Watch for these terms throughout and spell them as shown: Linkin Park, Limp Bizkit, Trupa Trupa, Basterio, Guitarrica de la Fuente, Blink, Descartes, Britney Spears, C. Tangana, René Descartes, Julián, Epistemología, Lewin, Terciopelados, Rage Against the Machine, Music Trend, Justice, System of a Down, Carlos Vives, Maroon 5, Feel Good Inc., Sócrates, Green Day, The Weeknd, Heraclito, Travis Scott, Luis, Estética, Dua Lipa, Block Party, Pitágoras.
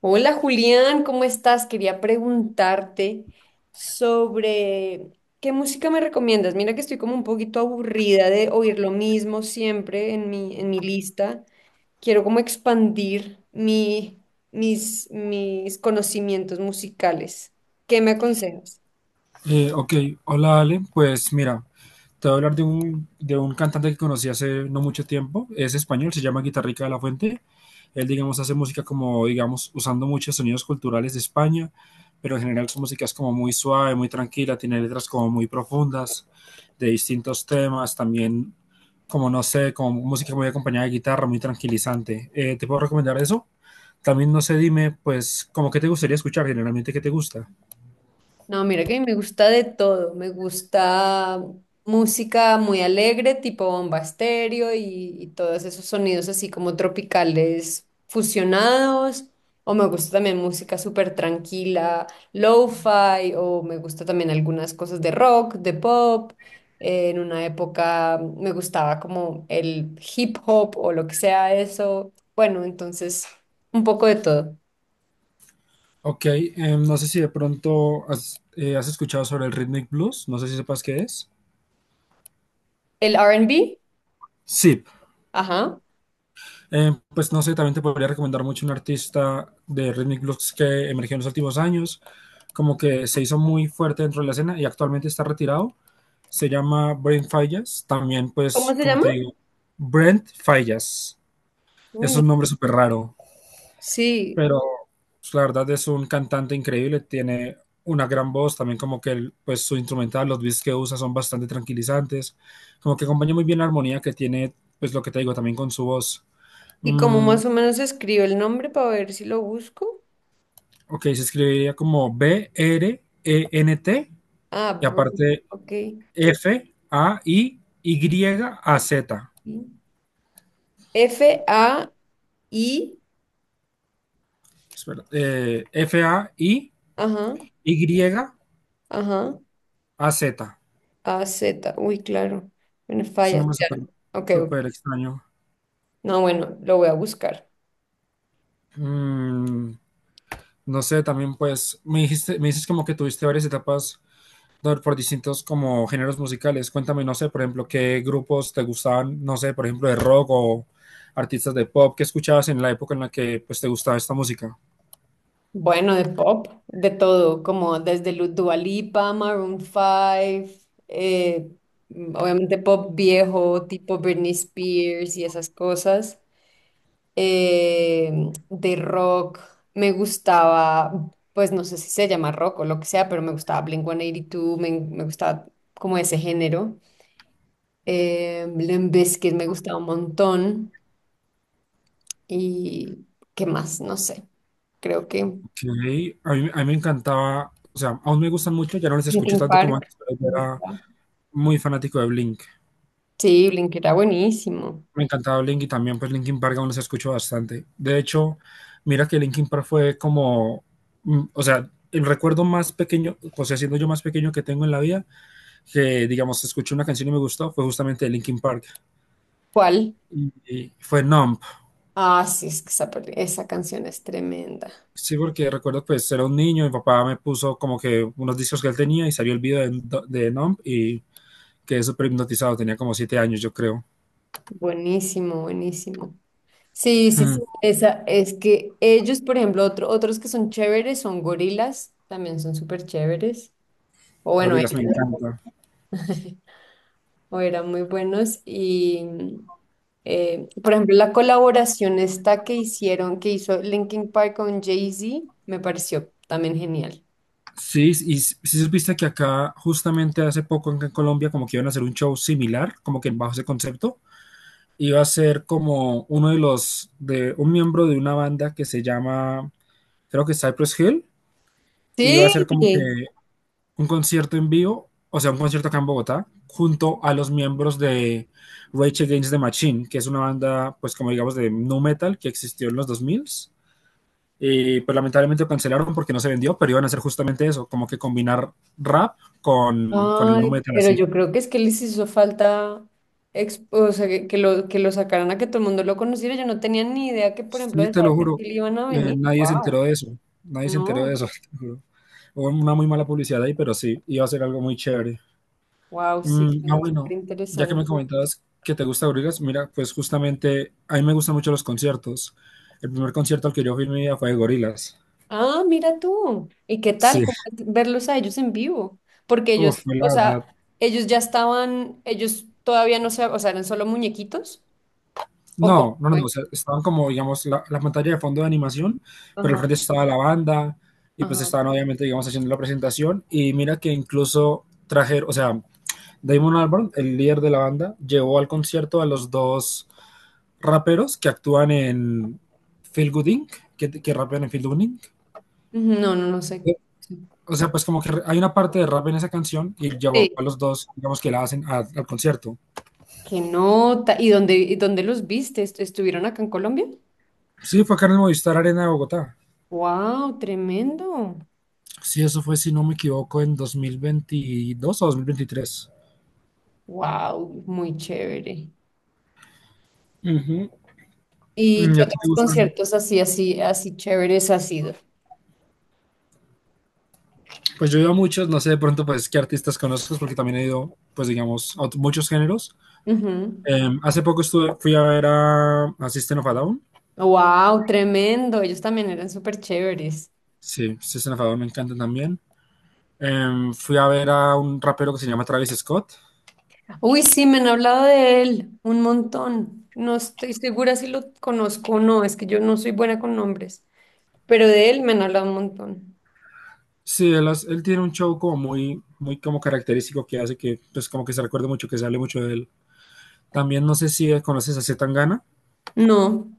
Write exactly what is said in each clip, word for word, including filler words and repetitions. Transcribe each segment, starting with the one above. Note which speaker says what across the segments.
Speaker 1: Hola Julián, ¿cómo estás? Quería preguntarte sobre qué música me recomiendas. Mira que estoy como un poquito aburrida de oír lo mismo siempre en mi, en mi lista. Quiero como expandir mi, mis, mis conocimientos musicales. ¿Qué me aconsejas?
Speaker 2: Eh, ok, hola Ale, pues mira, te voy a hablar de un, de un cantante que conocí hace no mucho tiempo. Es español, se llama Guitarrica de la Fuente. Él, digamos, hace música como, digamos, usando muchos sonidos culturales de España, pero en general su música es como muy suave, muy tranquila, tiene letras como muy profundas, de distintos temas. También, como no sé, como música muy acompañada de guitarra, muy tranquilizante. Eh, ¿te puedo recomendar eso? También no sé, dime, pues, como qué te gustaría escuchar, generalmente qué te gusta.
Speaker 1: No, mira que me gusta de todo. Me gusta música muy alegre, tipo bomba estéreo y, y todos esos sonidos así como tropicales fusionados. O me gusta también música súper tranquila, lo-fi, o me gusta también algunas cosas de rock, de pop. Eh, En una época me gustaba como el hip hop o lo que sea eso. Bueno, entonces un poco de todo.
Speaker 2: Ok. Em, no sé si de pronto has, eh, has escuchado sobre el rhythmic blues, no sé si sepas qué es.
Speaker 1: El r and b,
Speaker 2: Sí.
Speaker 1: ajá.
Speaker 2: Em, pues no sé, también te podría recomendar mucho un artista de rhythmic blues que emergió en los últimos años, como que se hizo muy fuerte dentro de la escena y actualmente está retirado. Se llama Brent Fallas. También,
Speaker 1: ¿Cómo
Speaker 2: pues
Speaker 1: se
Speaker 2: como te
Speaker 1: llama?
Speaker 2: digo, Brent Fallas, es
Speaker 1: Uy,
Speaker 2: un nombre súper raro,
Speaker 1: sí,
Speaker 2: pero pues, la verdad, es un cantante increíble. Tiene una gran voz, también como que el, pues su instrumental, los beats que usa son bastante tranquilizantes, como que acompaña muy bien la armonía que tiene, pues lo que te digo, también con su voz.
Speaker 1: y como
Speaker 2: Mm,
Speaker 1: más o menos escribo el nombre para ver si lo busco.
Speaker 2: ok, se escribiría como B-R-E-N-T
Speaker 1: Ah,
Speaker 2: y
Speaker 1: Brain,
Speaker 2: aparte
Speaker 1: ok.
Speaker 2: F-A-I-Y-A-Z.
Speaker 1: F-A-I,
Speaker 2: Espera, eh,
Speaker 1: ajá,
Speaker 2: F-A-I-Y-A-Z.
Speaker 1: ajá, A-Z. Uy, claro. Bueno,
Speaker 2: Es un
Speaker 1: falla.
Speaker 2: nombre
Speaker 1: Claro.
Speaker 2: súper
Speaker 1: Ok, ok.
Speaker 2: súper extraño.
Speaker 1: No, bueno, lo voy a buscar.
Speaker 2: Mm. No sé, también pues me dijiste, me dices como que tuviste varias etapas por, por distintos como géneros musicales. Cuéntame, no sé, por ejemplo, qué grupos te gustaban, no sé, por ejemplo, de rock o artistas de pop que escuchabas en la época en la que pues te gustaba esta música.
Speaker 1: Bueno, de pop, de todo, como desde Lu- Dua Lipa, Maroon cinco, eh, mm, obviamente pop viejo, tipo Britney Spears y esas cosas. eh, de rock. Me gustaba, pues no sé si se llama rock o lo que sea, pero me gustaba blink one eighty two, me, me gustaba como ese género. Eh, Limp Bizkit me gustaba un montón. ¿Y qué más? No sé. Creo que
Speaker 2: Ok, a mí, a mí me encantaba, o sea, aún me gustan mucho, ya no les escucho
Speaker 1: Linkin
Speaker 2: tanto como
Speaker 1: Park
Speaker 2: antes, pero yo
Speaker 1: me
Speaker 2: era
Speaker 1: gustaba.
Speaker 2: muy fanático de Blink.
Speaker 1: Sí, Blink era buenísimo.
Speaker 2: Me encantaba Blink y también pues Linkin Park aún los escucho bastante. De hecho, mira que Linkin Park fue como, mm, o sea, el recuerdo más pequeño, o sea, siendo yo más pequeño, que tengo en la vida, que digamos escuché una canción y me gustó, fue justamente de Linkin Park.
Speaker 1: ¿Cuál?
Speaker 2: Y, y fue Numb.
Speaker 1: Ah, sí, es que esa, peli- esa canción es tremenda.
Speaker 2: Sí, porque recuerdo pues era un niño, mi papá me puso como que unos discos que él tenía y salió el video de, de Numb y quedé súper hipnotizado. Tenía como siete años, yo creo.
Speaker 1: Buenísimo, buenísimo. Sí, sí,
Speaker 2: Mm.
Speaker 1: sí, esa, es que ellos, por ejemplo, otro- otros que son chéveres son gorilas, también son súper chéveres, o bueno, eh,
Speaker 2: Gorilas me encanta.
Speaker 1: o eran muy buenos. Y, eh, por ejemplo, la colaboración esta que hicieron, que hizo Linkin Park con Jay-Z, me pareció también genial.
Speaker 2: Sí, y si supiste que acá, justamente hace poco acá en Colombia, como que iban a hacer un show similar, como que bajo ese concepto, iba a ser como uno de los, de un miembro de una banda que se llama, creo que Cypress Hill, y iba a ser como que
Speaker 1: Sí,
Speaker 2: un concierto en vivo, o sea, un concierto acá en Bogotá, junto a los miembros de Rage Against the Machine, que es una banda, pues como digamos, de nu metal que existió en los dos mil. Y pues lamentablemente lo cancelaron porque no se vendió, pero iban a hacer justamente eso, como que combinar rap con, con el
Speaker 1: ay,
Speaker 2: nu metal
Speaker 1: pero
Speaker 2: así.
Speaker 1: yo creo que es que les hizo falta, ex- o sea, que, que lo, que lo sacaran a que todo el mundo lo conociera. Yo no tenía ni idea que, por ejemplo,
Speaker 2: Sí,
Speaker 1: de
Speaker 2: te lo
Speaker 1: Cypress
Speaker 2: juro,
Speaker 1: Hill iban a
Speaker 2: eh,
Speaker 1: venir.
Speaker 2: nadie se
Speaker 1: Wow.
Speaker 2: enteró de eso, nadie se enteró de
Speaker 1: No,
Speaker 2: eso, te juro. Hubo una muy mala publicidad ahí, pero sí, iba a ser algo muy chévere.
Speaker 1: wow, sí,
Speaker 2: Mm, ah,
Speaker 1: suena súper
Speaker 2: bueno, ya que
Speaker 1: interesante.
Speaker 2: me comentabas que te gusta Gorillaz, mira, pues justamente a mí me gustan mucho los conciertos. El primer concierto al que yo fui en mi vida fue de Gorillaz.
Speaker 1: Ah, mira tú. ¿Y qué tal
Speaker 2: Sí,
Speaker 1: cómo es verlos a ellos en vivo? Porque
Speaker 2: uf,
Speaker 1: ellos,
Speaker 2: fue
Speaker 1: o
Speaker 2: la
Speaker 1: sea,
Speaker 2: verdad.
Speaker 1: ellos ya estaban, ellos todavía no se, o sea, eran solo muñequitos. ¿O cómo
Speaker 2: No, no, no, no,
Speaker 1: fue?
Speaker 2: o sea, estaban como, digamos, la, la pantalla de fondo de animación, pero al
Speaker 1: Ajá,
Speaker 2: frente estaba la banda y pues
Speaker 1: ajá. Ujú,
Speaker 2: estaban obviamente, digamos, haciendo la presentación y mira que incluso trajeron, o sea, Damon Albarn, el líder de la banda, llevó al concierto a los dos raperos que actúan en Feel Good inc, que, que rapean en Feel Good inc.
Speaker 1: no, no, no sé.
Speaker 2: O sea, pues como que hay una parte de rap en esa canción y llevó a
Speaker 1: Sí.
Speaker 2: los dos, digamos, que la hacen a- al concierto.
Speaker 1: Qué nota. ¿Y dónde, y dónde los viste? ¿Est- ¿Estuvieron acá en Colombia?
Speaker 2: Sí, fue acá en el Movistar Arena de Bogotá.
Speaker 1: Wow, tremendo.
Speaker 2: Sí, eso fue, si no me equivoco, en dos mil veintidós o dos mil veintitrés.
Speaker 1: Wow, muy chévere.
Speaker 2: Ujú.
Speaker 1: ¿Y
Speaker 2: Mm, ¿y
Speaker 1: qué
Speaker 2: a ti te
Speaker 1: otros
Speaker 2: gustan?
Speaker 1: conciertos así, así, así chéveres has sido?
Speaker 2: Pues yo he ido a muchos, no sé de pronto pues qué artistas conozcas, porque también he ido, pues digamos, a ot- muchos géneros. Em, hace poco estuve, fui a ver a, a System of a Down.
Speaker 1: Wow, tremendo. Ellos también eran súper chéveres.
Speaker 2: Sí, System of a Down me encanta también. Em, fui a ver a un rapero que se llama Travis Scott.
Speaker 1: Uy, sí, me han hablado de él un montón. No estoy segura si lo conozco o no. Es que yo no soy buena con nombres. Pero de él me han hablado un montón.
Speaker 2: Sí, él, hace- él tiene un show como muy, muy como característico, que hace que, pues como que se recuerde mucho, que se hable mucho de él. También no sé si conoces a C. Tangana.
Speaker 1: No.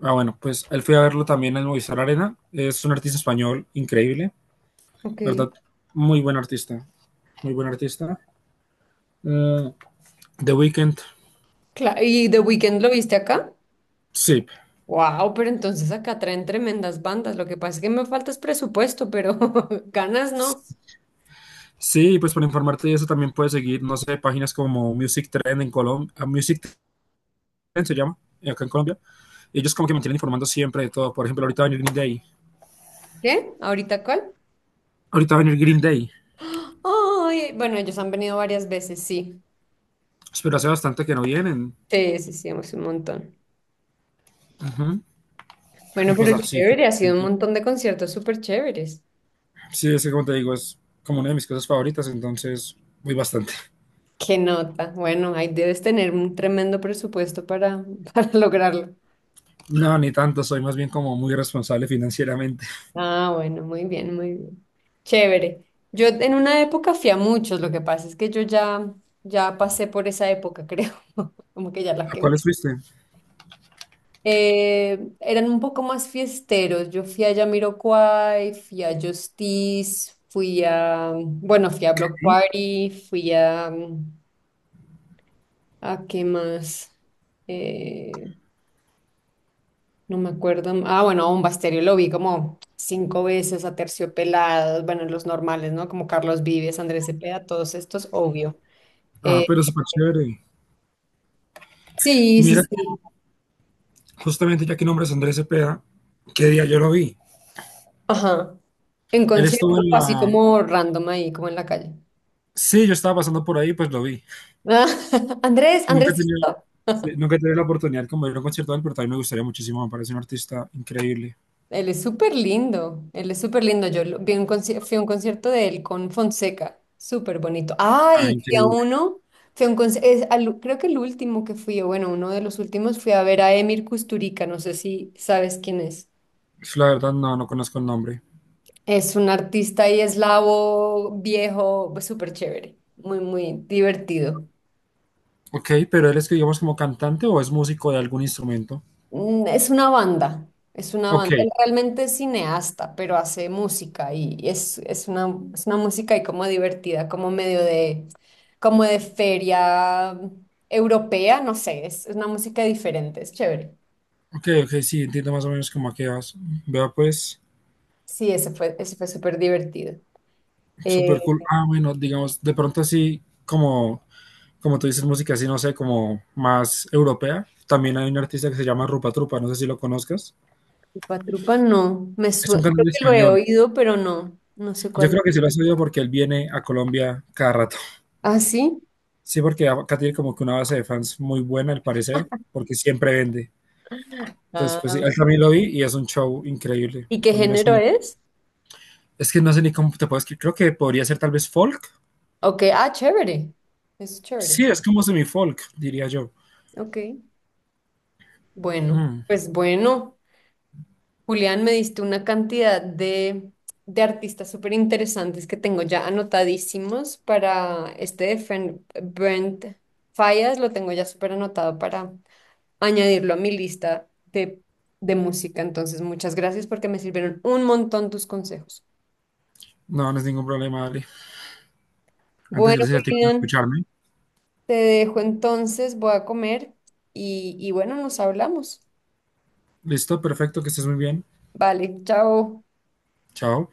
Speaker 2: Ah, bueno, pues él fui a verlo también en Movistar Arena. Es un artista español increíble,
Speaker 1: Ok.
Speaker 2: ¿verdad? Muy buen artista, muy buen artista. Eh, The Weeknd,
Speaker 1: Claro. ¿Y The Weeknd lo viste acá?
Speaker 2: sí.
Speaker 1: Wow, pero entonces acá traen tremendas bandas. Lo que pasa es que me falta es presupuesto, pero ganas no.
Speaker 2: Sí, pues para informarte de eso también puedes seguir, no sé, páginas como Music Trend en Colombia, Music Trend se llama, eh, acá en Colombia. Ellos como que me tienen informando siempre de todo. Por ejemplo, ahorita va a venir Green Day.
Speaker 1: ¿Qué? ¿Ahorita cuál?
Speaker 2: Ahorita va a venir Green Day.
Speaker 1: Ay, bueno, ellos han venido varias veces, sí.
Speaker 2: Pero hace bastante que no vienen.
Speaker 1: Sí, sí, sí, hemos ido un montón.
Speaker 2: Ujú. Y
Speaker 1: Bueno,
Speaker 2: pues
Speaker 1: pero
Speaker 2: así.
Speaker 1: chévere, ha sido un montón de conciertos súper chéveres.
Speaker 2: Sí, es que como te digo, es como una de mis cosas favoritas, entonces voy bastante.
Speaker 1: Qué nota. Bueno, ahí debes tener un tremendo presupuesto para, para lograrlo.
Speaker 2: No, ni tanto, soy más bien como muy responsable financieramente.
Speaker 1: Ah, bueno, muy bien, muy bien. Chévere. Yo en una época fui a muchos, lo que pasa es que yo ya, ya pasé por esa época, creo. Como que ya la
Speaker 2: ¿A
Speaker 1: que
Speaker 2: cuáles fuiste?
Speaker 1: Eh, eran un poco más fiesteros. Yo fui a Jamiroquai, fui a Justice, fui a, bueno, fui a Block
Speaker 2: Sí.
Speaker 1: Party, fui a, mm, ¿a qué más? Eh, no me acuerdo. Ah, bueno, a un Basterio lo vi como cinco veces, a Terciopelados, bueno, los normales, ¿no? Como Carlos Vives, Andrés Cepeda, todos estos, obvio.
Speaker 2: Ah,
Speaker 1: Eh,
Speaker 2: pero súper chévere.
Speaker 1: sí, sí,
Speaker 2: Mira,
Speaker 1: sí.
Speaker 2: justamente ya que nombres Andrés Cepeda, ¿qué día yo lo vi?
Speaker 1: Ajá. En
Speaker 2: Él estuvo
Speaker 1: concierto,
Speaker 2: en
Speaker 1: o así
Speaker 2: la...
Speaker 1: como random ahí, como en la calle.
Speaker 2: Sí, yo estaba pasando por ahí, pues lo vi.
Speaker 1: Andrés,
Speaker 2: Nunca he
Speaker 1: Andrés.
Speaker 2: tenido, sí, nunca he tenido la oportunidad como de ir a un concierto de él, pero también me gustaría muchísimo, me parece un artista increíble.
Speaker 1: Él es súper lindo, él es súper lindo. Yo lo- vi un conci- fui a un concierto de él con Fonseca, súper bonito.
Speaker 2: Ah,
Speaker 1: Ay, fui a
Speaker 2: increíble.
Speaker 1: uno, fui a un conci- es al- creo que el último que fui, o bueno, uno de los últimos, fui a ver a Emir Kusturica, no sé si sabes quién es.
Speaker 2: La verdad no, no conozco el nombre.
Speaker 1: Es un artista y eslavo, viejo, súper chévere, muy, muy divertido.
Speaker 2: Ok, pero él es que digamos como cantante o es músico de algún instrumento.
Speaker 1: Mm, Es una banda, es una
Speaker 2: Ok,
Speaker 1: banda. Él realmente es cineasta, pero hace música y y es, es una, es una música y como divertida, como medio de, como de feria europea, no sé, es, es una música diferente, es chévere.
Speaker 2: ok, ok, sí, entiendo más o menos como a qué vas. Vea pues.
Speaker 1: Sí, ese fue, ese fue súper divertido. Eh,
Speaker 2: Súper cool. Ah, bueno, digamos, de pronto así como, como tú dices, música así, no sé, como más europea. También hay un artista que se llama Rupa Trupa, no sé si lo conozcas.
Speaker 1: Trupa Trupa no, me
Speaker 2: Es un
Speaker 1: sue- creo
Speaker 2: cantante
Speaker 1: que lo he
Speaker 2: español.
Speaker 1: oído, pero no, no sé
Speaker 2: Yo
Speaker 1: cuál
Speaker 2: creo
Speaker 1: es.
Speaker 2: que sí lo has oído porque él viene a Colombia cada rato.
Speaker 1: Ah, sí.
Speaker 2: Sí, porque acá tiene como que una base de fans muy buena, al parecer, porque siempre vende. Entonces, pues sí,
Speaker 1: Ah,
Speaker 2: él también lo vi y es un show increíble.
Speaker 1: ¿y qué
Speaker 2: También es
Speaker 1: género
Speaker 2: un...
Speaker 1: es?
Speaker 2: Es que no sé ni cómo te puedes... Creo que podría ser tal vez folk.
Speaker 1: Ok, ah, chévere, es chévere,
Speaker 2: Sí, es como semi-folk, diría yo.
Speaker 1: ok. Bueno,
Speaker 2: Mm.
Speaker 1: pues bueno, Julián, me diste una cantidad de, de artistas súper interesantes que tengo ya anotadísimos para este de Fen- Brent Fallas, lo tengo ya súper anotado para añadirlo a mi lista de, de música. Entonces, muchas gracias porque me sirvieron un montón tus consejos.
Speaker 2: No, no es ningún problema, Ali. Antes,
Speaker 1: Bueno,
Speaker 2: gracias a ti por
Speaker 1: Julián,
Speaker 2: escucharme.
Speaker 1: te dejo entonces, voy a comer y, y bueno, nos hablamos.
Speaker 2: Listo, perfecto, que estés muy bien.
Speaker 1: Vale, chao.
Speaker 2: Chao.